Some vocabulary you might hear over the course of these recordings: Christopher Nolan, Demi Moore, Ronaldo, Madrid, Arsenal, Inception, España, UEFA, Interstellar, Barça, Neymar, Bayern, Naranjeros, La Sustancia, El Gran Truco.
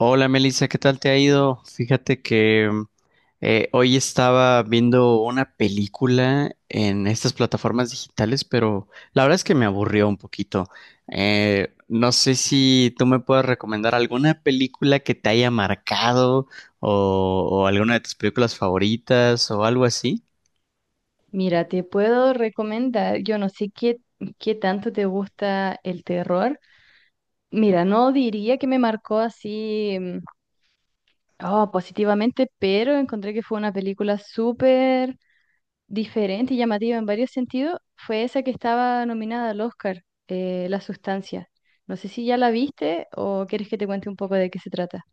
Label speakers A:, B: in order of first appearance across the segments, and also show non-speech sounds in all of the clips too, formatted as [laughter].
A: Hola Melissa, ¿qué tal te ha ido? Fíjate que hoy estaba viendo una película en estas plataformas digitales, pero la verdad es que me aburrió un poquito. No sé si tú me puedes recomendar alguna película que te haya marcado o alguna de tus películas favoritas o algo así.
B: Mira, te puedo recomendar, yo no sé qué, qué tanto te gusta el terror. Mira, no diría que me marcó así oh, positivamente, pero encontré que fue una película súper diferente y llamativa en varios sentidos. Fue esa que estaba nominada al Oscar, La Sustancia. No sé si ya la viste o quieres que te cuente un poco de qué se trata.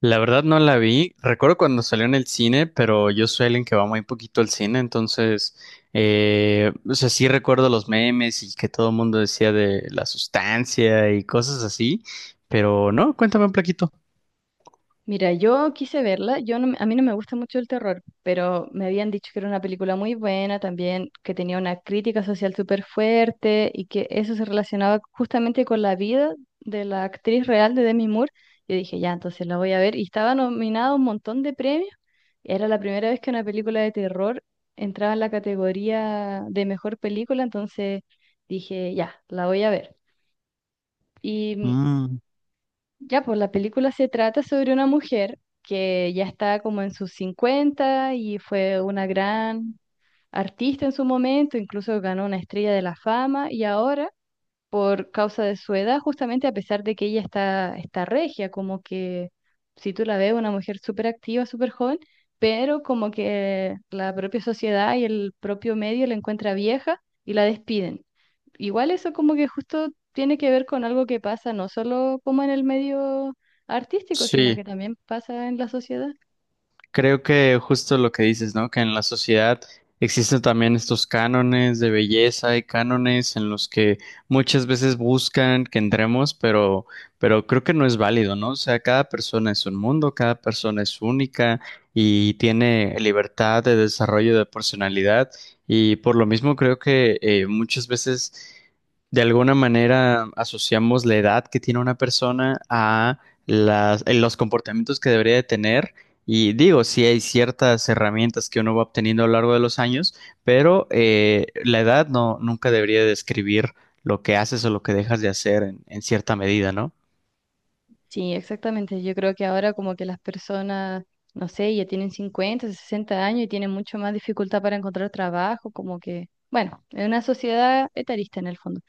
A: La verdad no la vi. Recuerdo cuando salió en el cine, pero yo soy alguien que va muy poquito al cine, entonces, o sea, sí recuerdo los memes y que todo el mundo decía de la sustancia y cosas así, pero no, cuéntame un plaquito.
B: Mira, yo quise verla, yo no, a mí no me gusta mucho el terror, pero me habían dicho que era una película muy buena también, que tenía una crítica social súper fuerte y que eso se relacionaba justamente con la vida de la actriz real de Demi Moore. Yo dije, ya, entonces la voy a ver y estaba nominada a un montón de premios. Era la primera vez que una película de terror entraba en la categoría de mejor película, entonces dije, ya, la voy a ver. Y
A: Mm,
B: ya, pues la película se trata sobre una mujer que ya está como en sus 50 y fue una gran artista en su momento, incluso ganó una estrella de la fama y ahora, por causa de su edad, justamente a pesar de que ella está regia, como que si tú la ves, una mujer súper activa, súper joven, pero como que la propia sociedad y el propio medio la encuentra vieja y la despiden. Igual eso como que justo tiene que ver con algo que pasa no solo como en el medio artístico, sino
A: sí.
B: que también pasa en la sociedad.
A: Creo que justo lo que dices, ¿no? Que en la sociedad existen también estos cánones de belleza y cánones en los que muchas veces buscan que entremos, pero creo que no es válido, ¿no? O sea, cada persona es un mundo, cada persona es única y tiene libertad de desarrollo de personalidad y por lo mismo creo que muchas veces de alguna manera asociamos la edad que tiene una persona a los comportamientos que debería de tener y digo, sí hay ciertas herramientas que uno va obteniendo a lo largo de los años, pero la edad no, nunca debería describir lo que haces o lo que dejas de hacer en cierta medida, ¿no?
B: Sí, exactamente. Yo creo que ahora como que las personas, no sé, ya tienen 50 60 años y tienen mucho más dificultad para encontrar trabajo, como que, bueno, es una sociedad etarista en el fondo.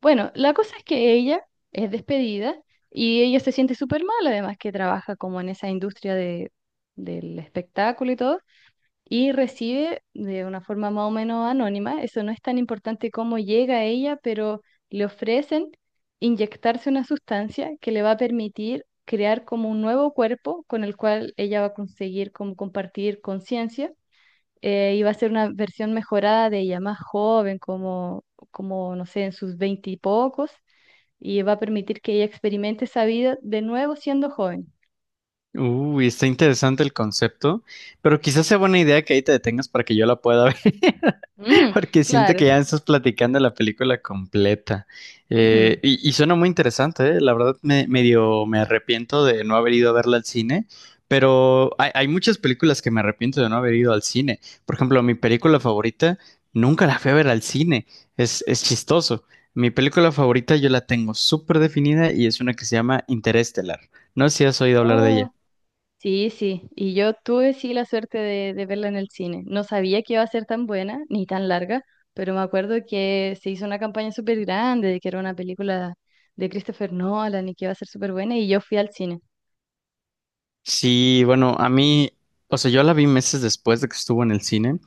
B: Bueno, la cosa es que ella es despedida y ella se siente súper mal, además que trabaja como en esa industria del espectáculo y todo. Y recibe de una forma más o menos anónima, eso no es tan importante cómo llega a ella, pero le ofrecen inyectarse una sustancia que le va a permitir crear como un nuevo cuerpo con el cual ella va a conseguir como compartir conciencia. Y va a ser una versión mejorada de ella, más joven, no sé, en sus veinte y pocos, y va a permitir que ella experimente esa vida de nuevo siendo joven.
A: Uy, está interesante el concepto, pero quizás sea buena idea que ahí te detengas para que yo la pueda [laughs] ver. [laughs]
B: Ujú,
A: Porque siento
B: claro.
A: que ya estás platicando la película completa. Y suena muy interesante, ¿eh? La verdad medio me arrepiento de no haber ido a verla al cine, pero hay muchas películas que me arrepiento de no haber ido al cine. Por ejemplo, mi película favorita nunca la fui a ver al cine. Es chistoso. Mi película favorita yo la tengo súper definida y es una que se llama Interestelar. No sé si has oído hablar de ella.
B: Ujú. Sí, sí, y yo tuve sí la suerte de verla en el cine. No sabía que iba a ser tan buena ni tan larga, pero me acuerdo que se hizo una campaña súper grande de que era una película de Christopher Nolan y que iba a ser súper buena y yo fui al cine.
A: Sí, bueno, a mí, o sea, yo la vi meses después de que estuvo en el cine.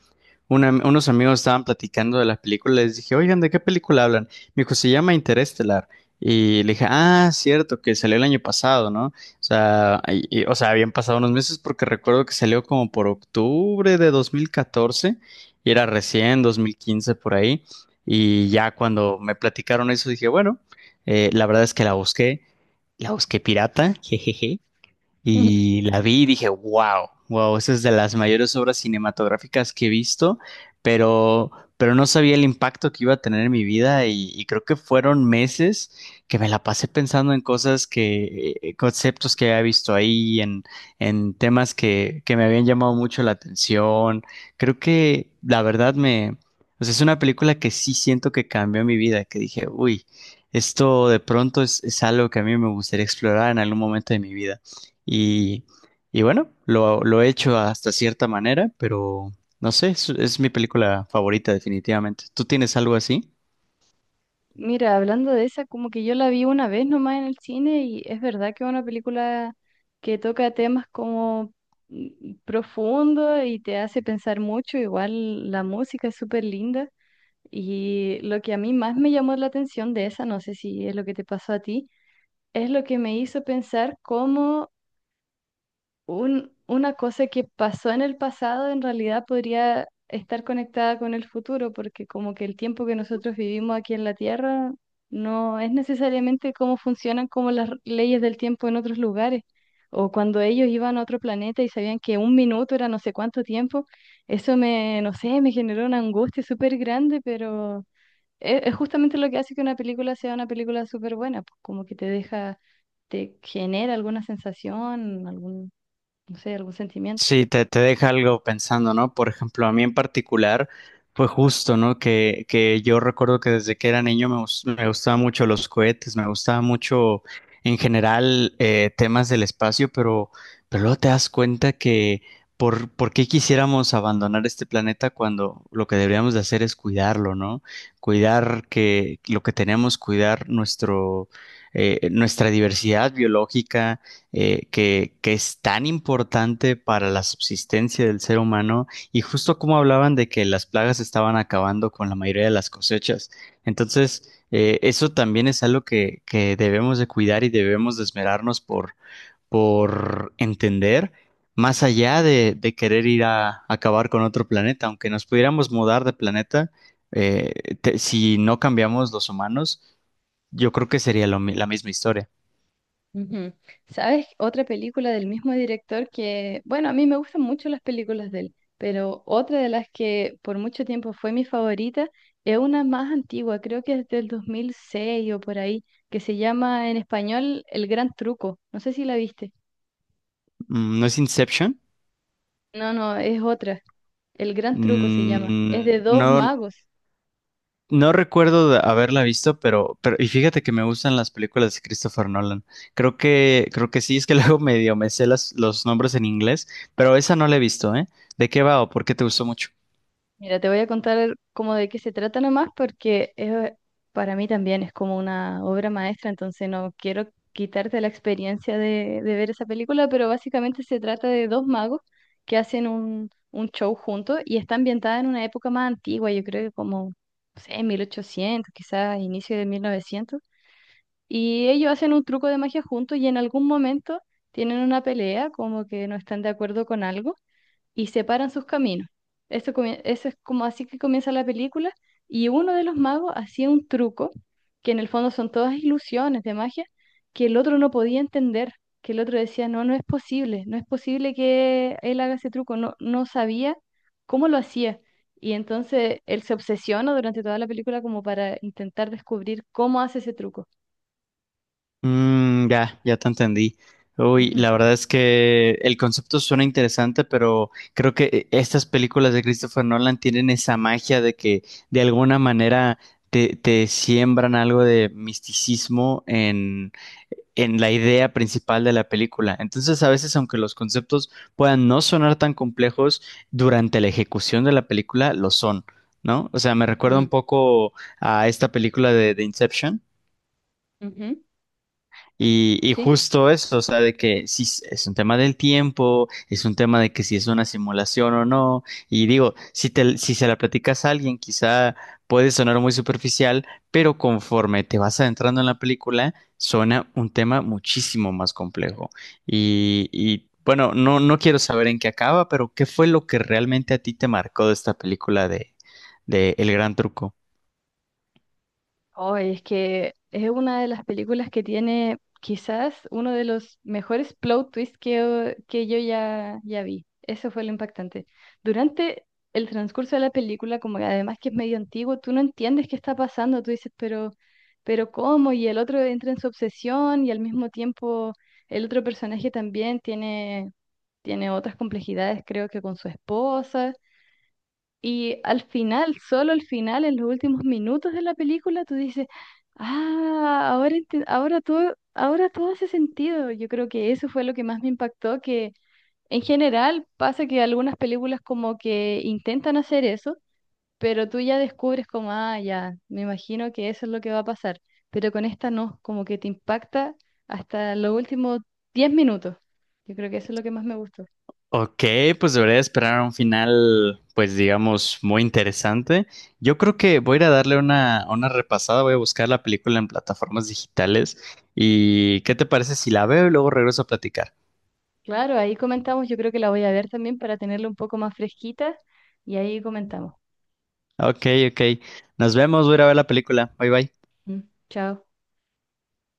A: Unos amigos estaban platicando de la película, les dije, oigan, ¿de qué película hablan? Me dijo, se llama Interestelar. Y le dije, ah, cierto, que salió el año pasado, ¿no? O sea, o sea, habían pasado unos meses porque recuerdo que salió como por octubre de 2014 y era recién 2015 por ahí. Y ya cuando me platicaron eso, dije, bueno, la verdad es que la busqué pirata, [laughs] jejeje, y
B: [laughs]
A: la vi y dije, wow, wow, esa es de las mayores obras cinematográficas que he visto, pero, pero no sabía el impacto que iba a tener en mi vida y creo que fueron meses que me la pasé pensando en conceptos que había visto ahí, en temas que me habían llamado mucho la atención. Creo que la verdad o sea, es una película que sí siento que cambió mi vida, que dije, uy, esto de pronto es algo que a mí me gustaría explorar en algún momento de mi vida. Y, y bueno, lo he hecho hasta cierta manera, pero no sé, es mi película favorita definitivamente. ¿Tú tienes algo así?
B: Mira, hablando de esa, como que yo la vi una vez nomás en el cine y es verdad que es una película que toca temas como profundos y te hace pensar mucho, igual la música es súper linda. Y lo que a mí más me llamó la atención de esa, no sé si es lo que te pasó a ti, es lo que me hizo pensar cómo una cosa que pasó en el pasado en realidad podría estar conectada con el futuro, porque como que el tiempo que nosotros vivimos aquí en la Tierra no es necesariamente cómo funcionan como las leyes del tiempo en otros lugares. O cuando ellos iban a otro planeta y sabían que un minuto era no sé cuánto tiempo, eso me, no sé, me generó una angustia súper grande, pero es justamente lo que hace que una película sea una película súper buena, pues como que te deja, te genera alguna sensación, algún, no sé, algún sentimiento.
A: Sí, te deja algo pensando, ¿no? Por ejemplo, a mí en particular fue justo, ¿no? Que yo recuerdo que desde que era niño me gustaban mucho los cohetes, me gustaba mucho en general temas del espacio, pero luego te das cuenta que por qué quisiéramos abandonar este planeta cuando lo que deberíamos de hacer es cuidarlo, ¿no? Cuidar que lo que tenemos, nuestra diversidad biológica que es tan importante para la subsistencia del ser humano y justo como hablaban de que las plagas estaban acabando con la mayoría de las cosechas. Entonces, eso también es algo que debemos de cuidar y debemos de esmerarnos por entender, más allá de querer acabar con otro planeta, aunque nos pudiéramos mudar de planeta, si no cambiamos los humanos, yo creo que sería la misma historia.
B: Ujú. ¿Sabes? Otra película del mismo director que, bueno, a mí me gustan mucho las películas de él, pero otra de las que por mucho tiempo fue mi favorita es una más antigua, creo que es del 2006 o por ahí, que se llama en español El Gran Truco. No sé si la viste.
A: Mm, ¿no es Inception?
B: No, no, es otra. El Gran Truco se llama. Es
A: Mm,
B: de dos
A: no,
B: magos.
A: no recuerdo de haberla visto, pero, y fíjate que me gustan las películas de Christopher Nolan. Creo que sí, es que [laughs] luego medio me sé los nombres en inglés, pero esa no la he visto, ¿eh? ¿De qué va o por qué te gustó mucho?
B: Mira, te voy a contar como de qué se trata nomás porque es, para mí también es como una obra maestra, entonces no quiero quitarte la experiencia de ver esa película, pero básicamente se trata de dos magos que hacen un show juntos y está ambientada en una época más antigua, yo creo que como, no sé, 1800, quizás inicio de 1900, y ellos hacen un truco de magia juntos y en algún momento tienen una pelea, como que no están de acuerdo con algo y separan sus caminos. Eso, eso es como así que comienza la película y uno de los magos hacía un truco, que en el fondo son todas ilusiones de magia, que el otro no podía entender, que el otro decía, no, no es posible, no es posible que él haga ese truco, no, no sabía cómo lo hacía. Y entonces él se obsesiona durante toda la película como para intentar descubrir cómo hace ese truco.
A: Ya te entendí. Uy,
B: Ujú.
A: la verdad es que el concepto suena interesante, pero creo que estas películas de Christopher Nolan tienen esa magia de que de alguna manera te siembran algo de misticismo en la idea principal de la película. Entonces, a veces, aunque los conceptos puedan no sonar tan complejos, durante la ejecución de la película lo son, ¿no? O sea, me recuerda un
B: Ujú,
A: poco a esta película de Inception
B: ujú.
A: y
B: ¿Sí?
A: justo eso, o sea, de que si s- es un tema del tiempo, es un tema de que si es una simulación o no. Y digo, si se la platicas a alguien, quizá puede sonar muy superficial, pero conforme te vas adentrando en la película, suena un tema muchísimo más complejo. Y bueno, no, no quiero saber en qué acaba, pero ¿qué fue lo que realmente a ti te marcó de esta película de El Gran Truco?
B: Oh, es que es una de las películas que tiene quizás uno de los mejores plot twists que yo ya, ya vi. Eso fue lo impactante. Durante el transcurso de la película, como que además que es medio antiguo, tú no entiendes qué está pasando. Tú dices, pero ¿cómo? Y el otro entra en su obsesión y al mismo tiempo el otro personaje también tiene, tiene otras complejidades, creo que con su esposa. Y al final, solo al final, en los últimos minutos de la película, tú dices, ah, ahora, ahora todo hace sentido. Yo creo que eso fue lo que más me impactó, que en general pasa que algunas películas como que intentan hacer eso, pero tú ya descubres como, ah, ya, me imagino que eso es lo que va a pasar. Pero con esta no, como que te impacta hasta los últimos 10 minutos. Yo creo que eso es lo que más me gustó.
A: Ok, pues debería esperar un final, pues digamos, muy interesante. Yo creo que voy a ir a darle una repasada, voy a buscar la película en plataformas digitales. ¿Y qué te parece si la veo y luego regreso a platicar?
B: Claro, ahí comentamos, yo creo que la voy a ver también para tenerla un poco más fresquita y ahí comentamos.
A: Ok, ok. Nos vemos, voy a ir a ver la película. Bye bye.
B: Mm. Chao.